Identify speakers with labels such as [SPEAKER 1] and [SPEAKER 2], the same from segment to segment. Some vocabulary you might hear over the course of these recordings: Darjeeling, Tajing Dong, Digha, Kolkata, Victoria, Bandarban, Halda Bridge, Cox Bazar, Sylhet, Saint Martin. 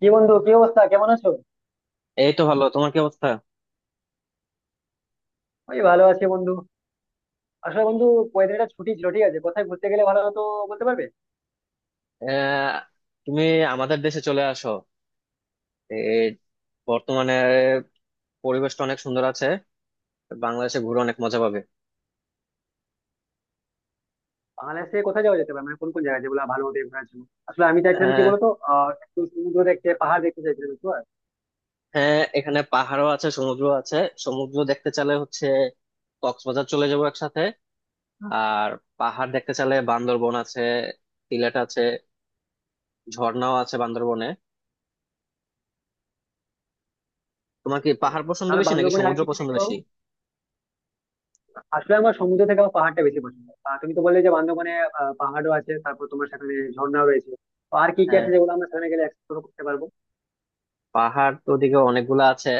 [SPEAKER 1] কি বন্ধু, কি অবস্থা? কেমন আছো?
[SPEAKER 2] এই তো ভালো। তোমার কি অবস্থা?
[SPEAKER 1] ওই ভালো আছি বন্ধু। আসলে বন্ধু, কয়েকদিন ছুটি ছিল, ঠিক আছে? কোথায় ঘুরতে গেলে ভালো হতো বলতে পারবে?
[SPEAKER 2] আহ, তুমি আমাদের দেশে চলে আসো। এই বর্তমানে পরিবেশটা অনেক সুন্দর আছে। বাংলাদেশে ঘুরে অনেক মজা পাবে।
[SPEAKER 1] বাংলাদেশে কোথায় যাওয়া যেতে পারে, মানে কোন কোন জায়গা যেগুলো ভালো হতো ঘোরার জন্য? আসলে আমি চাইছিলাম কি
[SPEAKER 2] আহ,
[SPEAKER 1] বলতো, একটু সমুদ্র দেখতে, পাহাড় দেখতে চাইছিলাম, বুঝতে পারলে?
[SPEAKER 2] হ্যাঁ, এখানে পাহাড়ও আছে, সমুদ্র আছে। সমুদ্র দেখতে চাইলে হচ্ছে কক্সবাজার চলে যাবো একসাথে। আর পাহাড় দেখতে চাইলে বান্দরবন আছে, সিলেট আছে, ঝর্ণাও আছে বান্দরবনে। তোমার কি পাহাড় পছন্দ
[SPEAKER 1] তাহলে
[SPEAKER 2] বেশি নাকি
[SPEAKER 1] বান্দরবনে আর
[SPEAKER 2] সমুদ্র
[SPEAKER 1] কি কি
[SPEAKER 2] পছন্দ
[SPEAKER 1] দেখতে পাবো?
[SPEAKER 2] বেশি?
[SPEAKER 1] আসলে আমার সমুদ্র থেকে আমার পাহাড়টা বেশি পছন্দ। তুমি তো বললে যে বান্দরবনে পাহাড়ও আছে, তারপর তোমার সেখানে ঝর্ণাও রয়েছে। তো আর কি কি আছে যেগুলো আমরা সেখানে গেলে এক্সপ্লোর করতে পারবো?
[SPEAKER 2] পাহাড় তো ওদিকে অনেকগুলো আছে।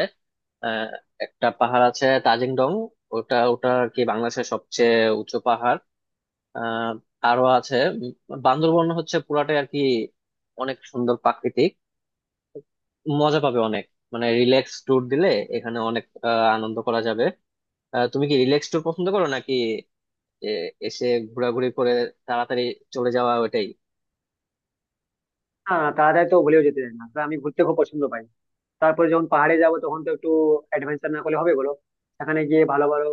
[SPEAKER 2] আহ, একটা পাহাড় আছে তাজিং ডং। ওটা ওটা আর কি বাংলাদেশের সবচেয়ে উঁচু পাহাড়। আহ, আরো আছে। বান্দরবন হচ্ছে পুরাটাই আর কি অনেক সুন্দর প্রাকৃতিক। মজা পাবে অনেক, মানে রিল্যাক্স ট্যুর দিলে এখানে অনেক আনন্দ করা যাবে। তুমি কি রিল্যাক্স ট্যুর পছন্দ করো, নাকি এ, এসে ঘোরাঘুরি করে তাড়াতাড়ি চলে যাওয়া ওটাই?
[SPEAKER 1] হ্যাঁ, তাড়াতাড়ি তো ভুলেও যেতে চাই না, আসলে আমি ঘুরতে খুব পছন্দ পাই। তারপরে যখন পাহাড়ে যাব তখন তো একটু অ্যাডভেঞ্চার না করলে হবে, বলো? সেখানে গিয়ে ভালো ভালো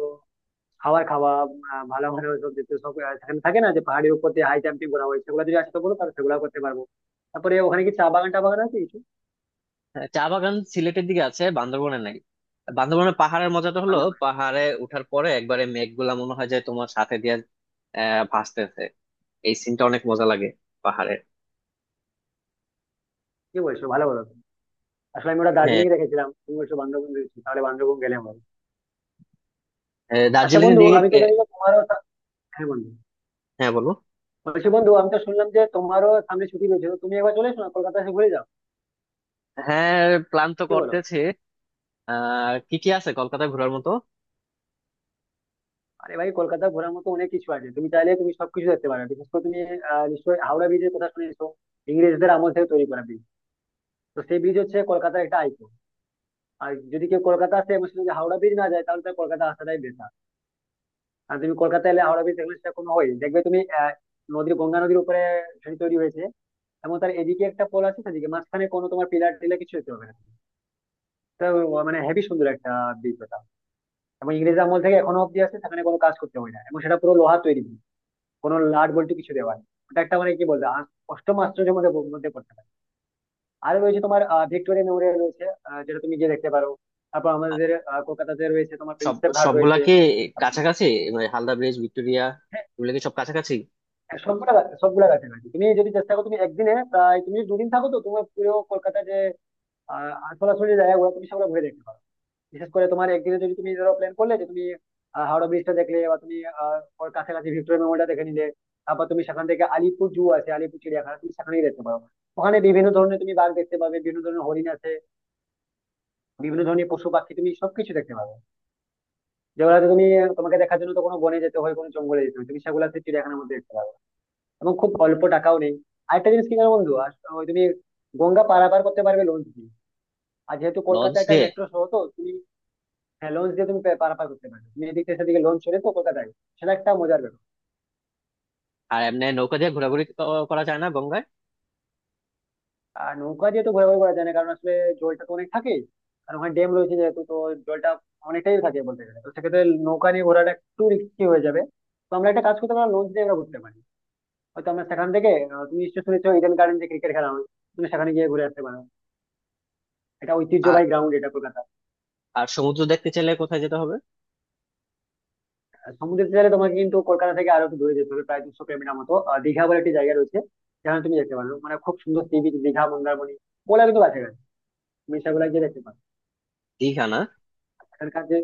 [SPEAKER 1] খাবার খাওয়া, ভালো ভালো সব, যেতে সব সেখানে থাকে না যে পাহাড়ের উপর দিয়ে হাই জাম্পিং করা হয়, সেগুলো যদি আসতে বলো তাহলে সেগুলো করতে পারবো। তারপরে ওখানে কি চা বাগান টা বাগান আছে কিছু
[SPEAKER 2] হ্যাঁ, চা বাগান সিলেটের দিকে আছে, বান্দরবনে নাই। বান্দরবনের পাহাড়ের মজাটা হলো
[SPEAKER 1] ওখানে?
[SPEAKER 2] পাহাড়ে উঠার পরে একবারে মেঘগুলা মনে হয় যে তোমার সাথে দিয়ে আহ ভাসতেছে। এই সিনটা অনেক মজা লাগে পাহাড়ে।
[SPEAKER 1] কি বলছো, ভালো বলো তো। আসলে আমি ওটা
[SPEAKER 2] হ্যাঁ,
[SPEAKER 1] দার্জিলিং এ রেখেছিলাম, তুমি বলছো বান্দরবন রয়েছে, তাহলে বান্দরবন গেলে আমার। আচ্ছা
[SPEAKER 2] দার্জিলিং এর
[SPEAKER 1] বন্ধু,
[SPEAKER 2] দিকে
[SPEAKER 1] আমি তো জানি না তোমারও হ্যাঁ বন্ধু,
[SPEAKER 2] হ্যাঁ বলো।
[SPEAKER 1] বলছি বন্ধু, আমি তো শুনলাম যে তোমারও সামনে ছুটি রয়েছে, তো তুমি একবার চলে এসো না, কলকাতা এসে ঘুরে যাও।
[SPEAKER 2] হ্যাঁ, প্ল্যান তো
[SPEAKER 1] কি বলো?
[SPEAKER 2] করতেছি। আহ, কি কি আছে কলকাতা ঘোরার মতো?
[SPEAKER 1] আরে ভাই, কলকাতা ঘোরার মতো অনেক কিছু আছে, তুমি চাইলে তুমি সবকিছু দেখতে পারো। বিশেষ করে তুমি নিশ্চয়ই হাওড়া ব্রিজের কথা শুনেছো। ইংরেজদের আমল থেকে তৈরি করা ব্রিজ, তো সেই ব্রিজ হচ্ছে কলকাতার একটা আইকন। আর যদি কেউ কলকাতা আসে এবং সে যদি হাওড়া ব্রিজ না যায় তাহলে তার কলকাতা আসাটাই বেকার। আর তুমি কলকাতা এলে হাওড়া ব্রিজ দেখলে সেরকম হয়, দেখবে তুমি নদীর, গঙ্গা নদীর উপরে সেটি তৈরি হয়েছে, এবং তার এদিকে একটা পোল আছে সেদিকে, মাঝখানে কোনো তোমার পিলার টিলার কিছু হতে হবে না। তো মানে হেভি সুন্দর একটা ব্রিজ ওটা, এবং ইংরেজ আমল থেকে এখনো অব্দি আছে, সেখানে কোনো কাজ করতে হয় না, এবং সেটা পুরো লোহা তৈরি, কোনো লাড বল্টু কিছু দেওয়া নেই। ওটা একটা, মানে কি বলবো, অষ্টম আশ্চর্যের মধ্যে মধ্যে পড়তে পারে। আর রয়েছে তোমার, ভিক্টোরিয়া মেমোরিয়াল রয়েছে, যেটা তুমি গিয়ে দেখতে পারো। তারপর আমাদের কলকাতাতে রয়েছে তোমার,
[SPEAKER 2] সব,
[SPEAKER 1] প্রিন্সেপ ঘাট
[SPEAKER 2] সবগুলা
[SPEAKER 1] রয়েছে
[SPEAKER 2] কি
[SPEAKER 1] এবং
[SPEAKER 2] কাছাকাছি? মানে হালদা ব্রিজ, ভিক্টোরিয়া,
[SPEAKER 1] হ্যাঁ,
[SPEAKER 2] এগুলো কি সব কাছাকাছি?
[SPEAKER 1] হ্যাঁ, সবগুলা কাছাকাছি। তুমি যদি চেষ্টা করো, তুমি একদিনে প্রায়, তুমি যদি দুদিন থাকো তো তোমার পুরো কলকাতা যে সরাসরি জায়গাগুলো তুমি সেগুলো ঘুরে দেখতে পারো। বিশেষ করে তোমার একদিনে যদি তুমি ধরো প্ল্যান করলে যে তুমি হাওড়া ব্রিজটা দেখলে, বা তুমি আহ, ওর কাছাকাছি ভিক্টোরিয়া মেমোরিয়ালটা দেখে নিলে, তারপর তুমি সেখান থেকে আলিপুর জু আছে, আলিপুর চিড়িয়াখানা, তুমি সেখানেই দেখতে পারো। ওখানে বিভিন্ন ধরনের তুমি বাঘ দেখতে পাবে, বিভিন্ন ধরনের হরিণ আছে, বিভিন্ন ধরনের পশু পাখি, তুমি সবকিছু দেখতে পাবে, যেগুলোতে তুমি, তোমাকে দেখার জন্য তো কোনো বনে যেতে হয়, কোনো জঙ্গলে যেতে হয়, তুমি সেগুলোতে চিড়িয়াখানার মধ্যে দেখতে পাবে, এবং খুব অল্প টাকাও নেই। আরেকটা জিনিস কি জানো বন্ধু, আর ওই তুমি গঙ্গা পারাপার করতে পারবে লঞ্চ দিয়ে। আর যেহেতু কলকাতা
[SPEAKER 2] লঞ্চ
[SPEAKER 1] একটা
[SPEAKER 2] দিয়ে?
[SPEAKER 1] মেট্রো শহর তো তুমি, হ্যাঁ, লঞ্চ দিয়ে তুমি পারাপার করতে পারবে, তুমি এদিক থেকে সেদিকে লঞ্চ চড়ে, তো কলকাতায় সেটা একটা মজার ব্যাপার।
[SPEAKER 2] আর এমনি নৌকা দিয়ে ঘোরাঘুরি করা যায় না গঙ্গায়?
[SPEAKER 1] আর নৌকা দিয়ে তো ঘোরাঘুরি করা যায় না, কারণ আসলে জলটা তো অনেক থাকে, আর ওখানে ড্যাম রয়েছে যেহেতু, তো জলটা অনেকটাই থাকে বলতে গেলে, তো সেক্ষেত্রে নৌকা নিয়ে ঘোরাটা একটু রিস্কি হয়ে যাবে। তো আমরা একটা কাজ করতে পারি, লঞ্চ দিয়ে আমরা ঘুরতে পারি। হয়তো আমরা সেখান থেকে তুমি নিশ্চয়ই শুনেছো ইডেন গার্ডেন, যে ক্রিকেট খেলা হয়, তুমি সেখানে গিয়ে ঘুরে আসতে পারো। এটা
[SPEAKER 2] আর
[SPEAKER 1] ঐতিহ্যবাহী গ্রাউন্ড, এটা কলকাতা।
[SPEAKER 2] আর সমুদ্র দেখতে চাইলে কোথায় যেতে হবে?
[SPEAKER 1] আর সমুদ্রের তীরে তোমাকে কিন্তু কলকাতা থেকে আরো একটু দূরে যেতে হবে, প্রায় 200 কিলোমিটার মতো। দীঘা বলে একটি জায়গা রয়েছে, যেখানে তুমি যেতে পারো, মানে খুব সুন্দর সি বিচ, দীঘা মন্দারমণি ওগুলা কিন্তু কাছাকাছি, তুমি সেগুলা গিয়ে দেখতে পারো।
[SPEAKER 2] দীঘা না?
[SPEAKER 1] সেখানকার যে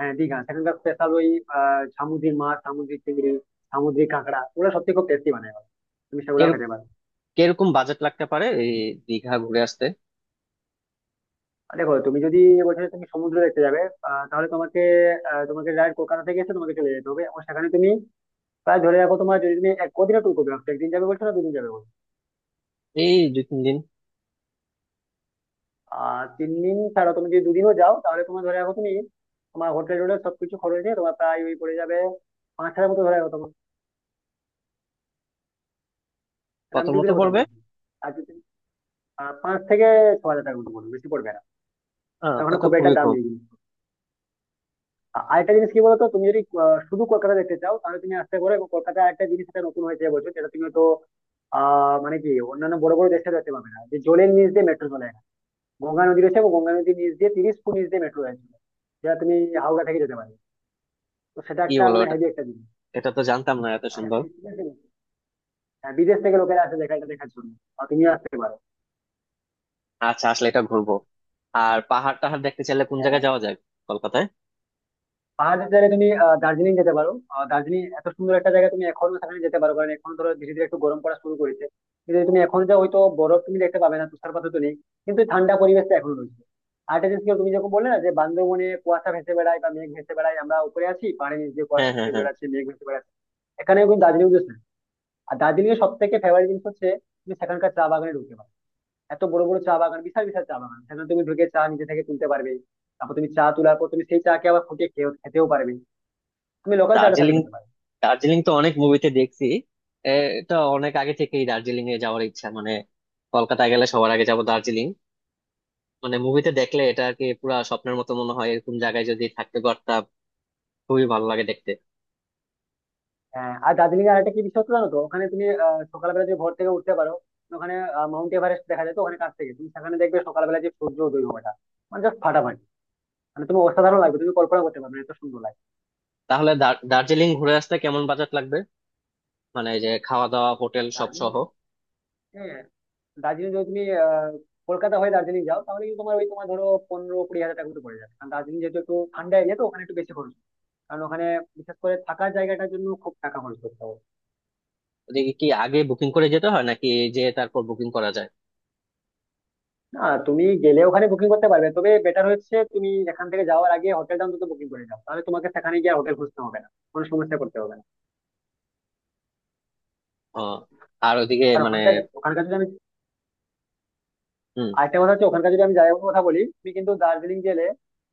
[SPEAKER 1] দীঘা সেখানকার স্পেশাল ওই সামুদ্রিক মাছ, সামুদ্রিক চিংড়ি, সামুদ্রিক কাঁকড়া, ওগুলো সত্যি খুব টেস্টি বানায় ওরা। তুমি সেগুলাও খেতে পারো।
[SPEAKER 2] কিরকম বাজেট লাগতে পারে এই দীঘা ঘুরে আসতে?
[SPEAKER 1] আর দেখো, তুমি যদি বলছো যে তুমি সমুদ্র দেখতে যাবে, তাহলে তোমাকে ডাইরেক্ট কলকাতা থেকে এসে তোমাকে চলে যেতে হবে, এবং সেখানে তুমি প্রায়, ধরে রাখো তোমার, যদি তুমি এক কদিনের ট্যুর করবে, একদিন যাবে বলছো না দুদিন যাবে বলছো?
[SPEAKER 2] এই দুই তিন দিন।
[SPEAKER 1] 3 দিন ছাড়া তুমি যদি দুদিনও যাও তাহলে তোমার, ধরে রাখো তুমি, তোমার হোটেল টোটেল সবকিছু খরচ নিয়ে তোমার প্রায় ওই পড়ে যাবে 5,000 মতো, ধরে রাখো তোমার, মানে
[SPEAKER 2] কত
[SPEAKER 1] আমি
[SPEAKER 2] মতো
[SPEAKER 1] দুদিনের কথা
[SPEAKER 2] পড়বে?
[SPEAKER 1] বলছি। আর যদি 5 থেকে 6 হাজার টাকার মতো পড়বে, বেশি পড়বে না,
[SPEAKER 2] আহ,
[SPEAKER 1] কারণ
[SPEAKER 2] তা
[SPEAKER 1] ওখানে
[SPEAKER 2] তো
[SPEAKER 1] খুব একটা
[SPEAKER 2] খুবই
[SPEAKER 1] দাম
[SPEAKER 2] কম।
[SPEAKER 1] নেই কিন্তু। আরেকটা জিনিস কি বলতো, তুমি যদি শুধু কলকাতা দেখতে চাও তাহলে তুমি আসতে পারো, এবং কলকাতায় একটা জিনিস, এটা নতুন হয়েছে এবছর, যেটা তুমি তো মানে কি অন্যান্য বড় বড় দেশে দেখতে পাবে না, যে জলের নিচ দিয়ে মেট্রো চলে। গঙ্গা নদী রয়েছে, এবং গঙ্গা নদীর নিচ দিয়ে 30 ফুট নিচ দিয়ে মেট্রো রয়েছে, যেটা তুমি হাওড়া থেকে যেতে পারবে। তো সেটা
[SPEAKER 2] কি
[SPEAKER 1] একটা
[SPEAKER 2] বলো
[SPEAKER 1] মানে
[SPEAKER 2] এটা,
[SPEAKER 1] হেভি একটা জিনিস।
[SPEAKER 2] এটা তো জানতাম না। এত
[SPEAKER 1] আর
[SPEAKER 2] সুন্দর!
[SPEAKER 1] হ্যাঁ, বিদেশ থেকে লোকেরা আসে দেখা, এটা দেখার জন্য। আর তুমিও আসতে পারো।
[SPEAKER 2] আচ্ছা, আসলে এটা ঘুরবো। আর পাহাড় টাহাড় দেখতে চাইলে কোন
[SPEAKER 1] হ্যাঁ,
[SPEAKER 2] জায়গায় যাওয়া যায় কলকাতায়?
[SPEAKER 1] পাহাড়ের জায়গায় তুমি দার্জিলিং যেতে পারো। দার্জিলিং এত সুন্দর একটা জায়গা, তুমি এখনো সেখানে যেতে পারো, কারণ এখন ধরো ধীরে ধীরে একটু গরম পড়া শুরু করেছে। কিন্তু যদি তুমি এখন যাও হয়তো বরফ তুমি দেখতে পাবে না, তুষারপাত তো নেই, কিন্তু ঠান্ডা পরিবেশটা এখনো রয়েছে। আর একটা জিনিস কি, তুমি যখন বললে না যে বান্দরবনে কুয়াশা ভেসে বেড়ায় বা মেঘ ভেসে বেড়ায়, আমরা উপরে আছি পাহাড়ের নিচ দিয়ে
[SPEAKER 2] হ্যাঁ,
[SPEAKER 1] কুয়াশা
[SPEAKER 2] হ্যাঁ,
[SPEAKER 1] ভেসে
[SPEAKER 2] হ্যাঁ।
[SPEAKER 1] বেড়াচ্ছে, মেঘ ভেসে বেড়াচ্ছে, এখানে কিন্তু দার্জিলিং উঠেছে। আর দার্জিলিং এর সব থেকে ফেভারিট জিনিস হচ্ছে, তুমি সেখানকার চা বাগানে ঢুকতে পারো। এত বড় বড় চা বাগান, বিশাল বিশাল চা বাগান, সেখানে তুমি ঢুকে চা নিজে থেকে তুলতে পারবে। তারপর তুমি চা তোলার পর তুমি সেই চা কে আবার ফুটিয়ে খেতেও পারবে। তুমি লোকাল চাটা সেখানে
[SPEAKER 2] দার্জিলিং,
[SPEAKER 1] পেতে পারবে।
[SPEAKER 2] দার্জিলিং তো অনেক মুভিতে দেখছি। এ, এটা অনেক আগে থেকেই দার্জিলিং এ যাওয়ার ইচ্ছা। মানে কলকাতায় গেলে সবার আগে যাব দার্জিলিং। মানে মুভিতে দেখলে এটা আর কি পুরা স্বপ্নের মতো মনে হয়, এরকম জায়গায় যদি থাকতে পারতাম। খুবই ভালো লাগে দেখতে।
[SPEAKER 1] আর দার্জিলিং এর আরেকটা কি বিশেষত্ব জানো তো, ওখানে তুমি সকালবেলা যদি ভোর থেকে উঠতে পারো, ওখানে মাউন্ট এভারেস্ট দেখা যায়, তো ওখানে কাছ থেকে তুমি সেখানে দেখবে সকালবেলা যে সূর্য উদয় হওয়াটা, মানে জাস্ট ফাটাফাটি। মানে তুমি, অসাধারণ লাগবে, তুমি কল্পনা করতে পারবে না, এত সুন্দর লাগবে।
[SPEAKER 2] তাহলে দার্জিলিং ঘুরে আসতে কেমন বাজেট লাগবে? মানে এই যে খাওয়া দাওয়া হোটেল সব
[SPEAKER 1] দার্জিলিং,
[SPEAKER 2] সহ।
[SPEAKER 1] হ্যাঁ, দার্জিলিং যদি তুমি কলকাতা হয়ে দার্জিলিং যাও তাহলে কিন্তু তোমার ওই, তোমার ধরো 15-20 হাজার টাকা মতো পড়ে যাবে, কারণ দার্জিলিং যেহেতু একটু ঠান্ডা এরিয়া, তো ওখানে একটু বেশি খরচ, কারণ ওখানে বিশেষ করে থাকার জায়গাটার জন্য খুব টাকা খরচ করতে হবে।
[SPEAKER 2] ওদিকে কি আগে বুকিং করে যেতে হয় নাকি যে তারপর বুকিং করা যায়?
[SPEAKER 1] না, তুমি গেলে ওখানে বুকিং করতে পারবে, তবে বেটার হচ্ছে তুমি এখান থেকে যাওয়ার আগে হোটেলটা অন্তত বুকিং করে যাও, তাহলে তোমাকে সেখানে গিয়ে হোটেল খুঁজতে হবে না, কোনো সমস্যা করতে হবে না।
[SPEAKER 2] ও, আর ওদিকে
[SPEAKER 1] আর
[SPEAKER 2] মানে
[SPEAKER 1] ওখানকার, ওখানকার যদি আমি
[SPEAKER 2] হুম।
[SPEAKER 1] আরেকটা কথা হচ্ছে, ওখানকার যদি আমি জায়গাগুলোর কথা বলি, তুমি কিন্তু দার্জিলিং গেলে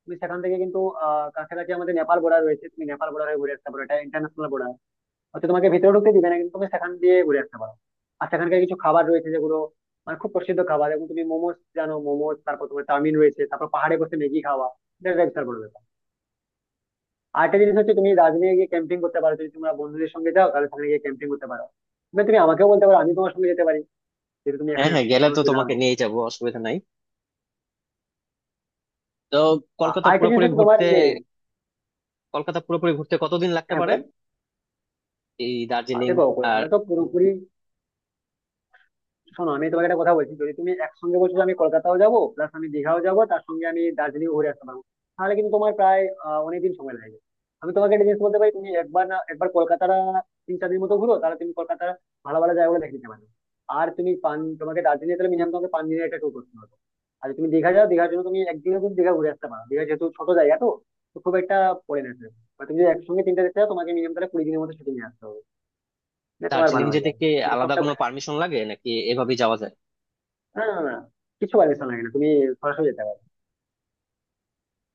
[SPEAKER 1] তুমি সেখান থেকে কিন্তু কাছাকাছি আমাদের নেপাল বর্ডার রয়েছে, তুমি নেপাল বর্ডার হয়ে ঘুরে আসতে পারো, এটা ইন্টারন্যাশনাল বর্ডার। হয়তো তোমাকে ভেতরে ঢুকতে দিবে না, কিন্তু তুমি সেখান দিয়ে ঘুরে আসতে পারো। আর সেখানকার কিছু খাবার রয়েছে, যেগুলো মানে খুব প্রসিদ্ধ খাবার, এবং তুমি মোমোস জানো, মোমোস, তারপর তোমার চাউমিন রয়েছে, তারপর পাহাড়ে বসে ম্যাগি খাওয়া, এটা একটা বিশাল বড় ব্যাপার। আর একটা জিনিস হচ্ছে, তুমি দার্জিলিং গিয়ে ক্যাম্পিং করতে পারো, যদি তোমরা বন্ধুদের সঙ্গে যাও তাহলে সেখানে গিয়ে ক্যাম্পিং করতে পারো। মানে তুমি আমাকেও বলতে পারো, আমি তোমার সঙ্গে যেতে পারি, যেহেতু তুমি
[SPEAKER 2] হ্যাঁ,
[SPEAKER 1] এখানে
[SPEAKER 2] হ্যাঁ,
[SPEAKER 1] আসছো
[SPEAKER 2] গেলে
[SPEAKER 1] কোনো
[SPEAKER 2] তো
[SPEAKER 1] অসুবিধা হবে
[SPEAKER 2] তোমাকে
[SPEAKER 1] না।
[SPEAKER 2] নিয়েই যাবো, অসুবিধা নাই। তো কলকাতা
[SPEAKER 1] আর একটা জিনিস
[SPEAKER 2] পুরোপুরি
[SPEAKER 1] হচ্ছে তোমার
[SPEAKER 2] ঘুরতে,
[SPEAKER 1] যে,
[SPEAKER 2] কলকাতা পুরোপুরি ঘুরতে কতদিন লাগতে
[SPEAKER 1] হ্যাঁ
[SPEAKER 2] পারে?
[SPEAKER 1] বলো,
[SPEAKER 2] এই দার্জিলিং
[SPEAKER 1] দেখো
[SPEAKER 2] আর
[SPEAKER 1] কলকাতা তো পুরোপুরি, শোনো আমি তোমাকে একটা কথা বলছি, যদি তুমি একসঙ্গে বলছো যে আমি কলকাতাও যাবো প্লাস আমি দীঘাও যাবো, তার সঙ্গে আমি দার্জিলিং ঘুরে আসতে পারবো, তাহলে কিন্তু তোমার প্রায় অনেকদিন সময় লাগবে। আমি তোমাকে একটা জিনিস বলতে পারি, তুমি একবার না একবার কলকাতাটা 3-4 দিন মতো ঘুরো, তাহলে তুমি কলকাতার ভালো ভালো জায়গাগুলো দেখে নিতে পারবে। আর তুমি পান, তোমাকে দার্জিলিং তাহলে মিনিমাম তোমাকে 5 দিনের একটা ট্যুর করতে হবে। আর যদি তুমি দীঘা যাও, দীঘার জন্য তুমি একদিনে তুমি দীঘা ঘুরে আসতে পারো, দীঘা যেহেতু ছোট জায়গা, তো তো খুব একটা পড়ে না সেরকম। আর তুমি যদি একসঙ্গে তিনটা দেখতে যাও, তোমাকে মিনিমাম তাহলে 20 দিনের মতো ছুটি নিয়ে আসতে হবে, না তোমার
[SPEAKER 2] দার্জিলিং
[SPEAKER 1] ভালো হয়ে
[SPEAKER 2] যেতে
[SPEAKER 1] যাবে,
[SPEAKER 2] কি
[SPEAKER 1] তুমি
[SPEAKER 2] আলাদা
[SPEAKER 1] সবটা,
[SPEAKER 2] কোনো পারমিশন লাগে নাকি এভাবেই যাওয়া যায়?
[SPEAKER 1] না, না, না, কিছু পারমিশন লাগে না, তুমি সরাসরি যেতে পারো।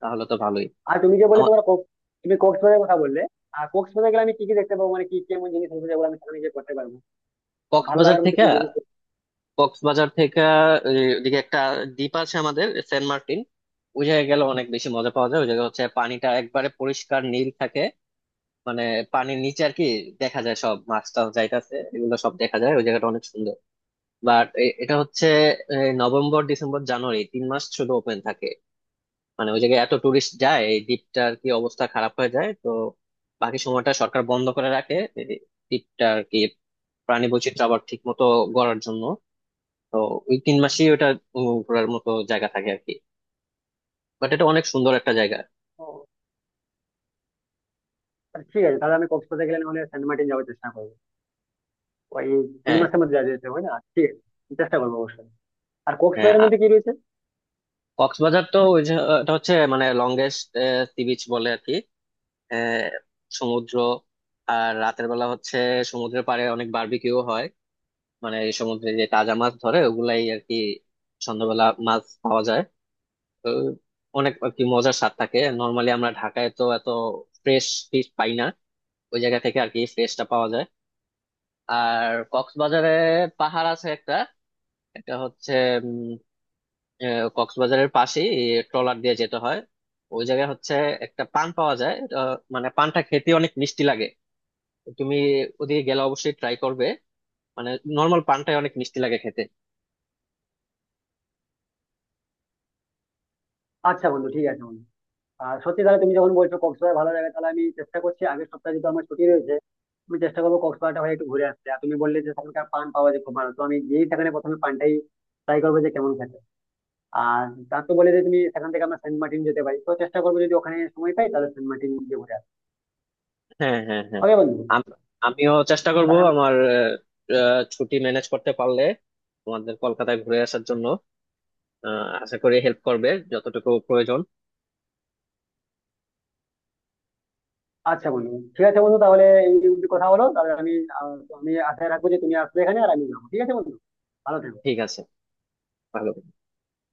[SPEAKER 2] তাহলে তো ভালোই।
[SPEAKER 1] আর তুমি যে বলে
[SPEAKER 2] আমার
[SPEAKER 1] তোমার তুমি কক্সবাজারের কথা বললে, আর কক্সবাজারে গেলে আমি কি কি দেখতে পাবো, মানে কি কেমন জিনিস আছে যেগুলো আমি সেখানে গিয়ে করতে পারবো, আর ভালো
[SPEAKER 2] কক্সবাজার
[SPEAKER 1] লাগার মতো
[SPEAKER 2] থেকে,
[SPEAKER 1] কি জিনিস করতে
[SPEAKER 2] কক্সবাজার থেকে এই, ওদিকে একটা দ্বীপ আছে আমাদের সেন্ট মার্টিন। ওই জায়গায় গেলে অনেক বেশি মজা পাওয়া যায়। ওই জায়গায় হচ্ছে পানিটা একবারে পরিষ্কার নীল থাকে। মানে পানির নিচে আর কি দেখা যায়, সব মাছ টাছ যাইতাছে এগুলো সব দেখা যায়। ওই জায়গাটা অনেক সুন্দর। বাট এটা হচ্ছে এই, নভেম্বর, ডিসেম্বর, জানুয়ারি 3 মাস শুধু ওপেন থাকে। মানে ওই জায়গায় এত টুরিস্ট যায়, এই দ্বীপটার কি অবস্থা খারাপ হয়ে যায়, তো বাকি সময়টা সরকার বন্ধ করে রাখে এই দ্বীপটা আর কি, প্রাণী বৈচিত্র্য আবার ঠিক মতো গড়ার জন্য। তো ওই 3 মাসেই ওটা ঘোরার মতো জায়গা থাকে আর কি। বাট এটা অনেক সুন্দর একটা জায়গা।
[SPEAKER 1] পারবো? আচ্ছা, ঠিক আছে, তাহলে আমি কক্সবাজার গেলে নাহলে সেন্ট মার্টিন যাওয়ার চেষ্টা করবো, ওই তিন
[SPEAKER 2] হ্যাঁ,
[SPEAKER 1] মাসের মধ্যে যাওয়া যেতে হবে, না ঠিক আছে, চেষ্টা করবো অবশ্যই। আর
[SPEAKER 2] হ্যাঁ।
[SPEAKER 1] কক্সবাজারের মধ্যে কি রয়েছে?
[SPEAKER 2] কক্সবাজার তো ওই যে এটা হচ্ছে মানে লংগেস্ট সি বিচ বলে আর কি। আহ, সমুদ্র। আর রাতের বেলা হচ্ছে সমুদ্রের পাড়ে অনেক বারবিকিউ হয়। মানে এই সমুদ্রে যে তাজা মাছ ধরে ওগুলাই আর কি সন্ধ্যাবেলা মাছ পাওয়া যায়। তো অনেক আর কি মজার স্বাদ থাকে। নর্মালি আমরা ঢাকায় তো এত ফ্রেশ ফিশ পাই না, ওই জায়গা থেকে আর কি ফ্রেশটা পাওয়া যায়। আর কক্সবাজারে পাহাড় আছে একটা। এটা হচ্ছে উম, কক্সবাজারের পাশেই, ট্রলার দিয়ে যেতে হয়। ওই জায়গায় হচ্ছে একটা পান পাওয়া যায় এটা, মানে পানটা খেতে অনেক মিষ্টি লাগে। তুমি ওদিকে গেলে অবশ্যই ট্রাই করবে। মানে নর্মাল পানটাই অনেক মিষ্টি লাগে খেতে।
[SPEAKER 1] আচ্ছা বন্ধু, ঠিক আছে বন্ধু। আর সত্যি তাহলে তুমি যখন বলছো কক্সবাজার ভালো লাগে, তাহলে আমি চেষ্টা করছি, আগের সপ্তাহে যেহেতু আমার ছুটি রয়েছে, আমি চেষ্টা করবো কক্সবাজারটা হয়ে একটু ঘুরে আসতে। আর তুমি বললে যে সেখানকার পান পাওয়া যায় খুব ভালো, তো আমি গিয়েই সেখানে প্রথমে পানটাই ট্রাই করবো যে কেমন খেতে। আর তার তো বলে যে তুমি সেখান থেকে আমরা সেন্ট মার্টিন যেতে পারি, তো চেষ্টা করবো যদি ওখানে সময় পাই তাহলে সেন্ট মার্টিন গিয়ে ঘুরে আসবো।
[SPEAKER 2] হ্যাঁ, হ্যাঁ, হ্যাঁ।
[SPEAKER 1] ওকে বন্ধু,
[SPEAKER 2] আম- আমিও চেষ্টা করব
[SPEAKER 1] তাহলে,
[SPEAKER 2] আমার, ছুটি ম্যানেজ করতে পারলে তোমাদের কলকাতায় ঘুরে আসার জন্য। আশা করি হেল্প করবে যতটুকু প্রয়োজন।
[SPEAKER 1] আচ্ছা বন্ধু ঠিক আছে বন্ধু, তাহলে এই অবধি কথা হলো, তাহলে আহ, আমি আশায় রাখবো যে তুমি আসবে এখানে আর আমি যাবো, ঠিক আছে বন্ধু, ভালো থেকো।
[SPEAKER 2] ঠিক আছে, ভালো।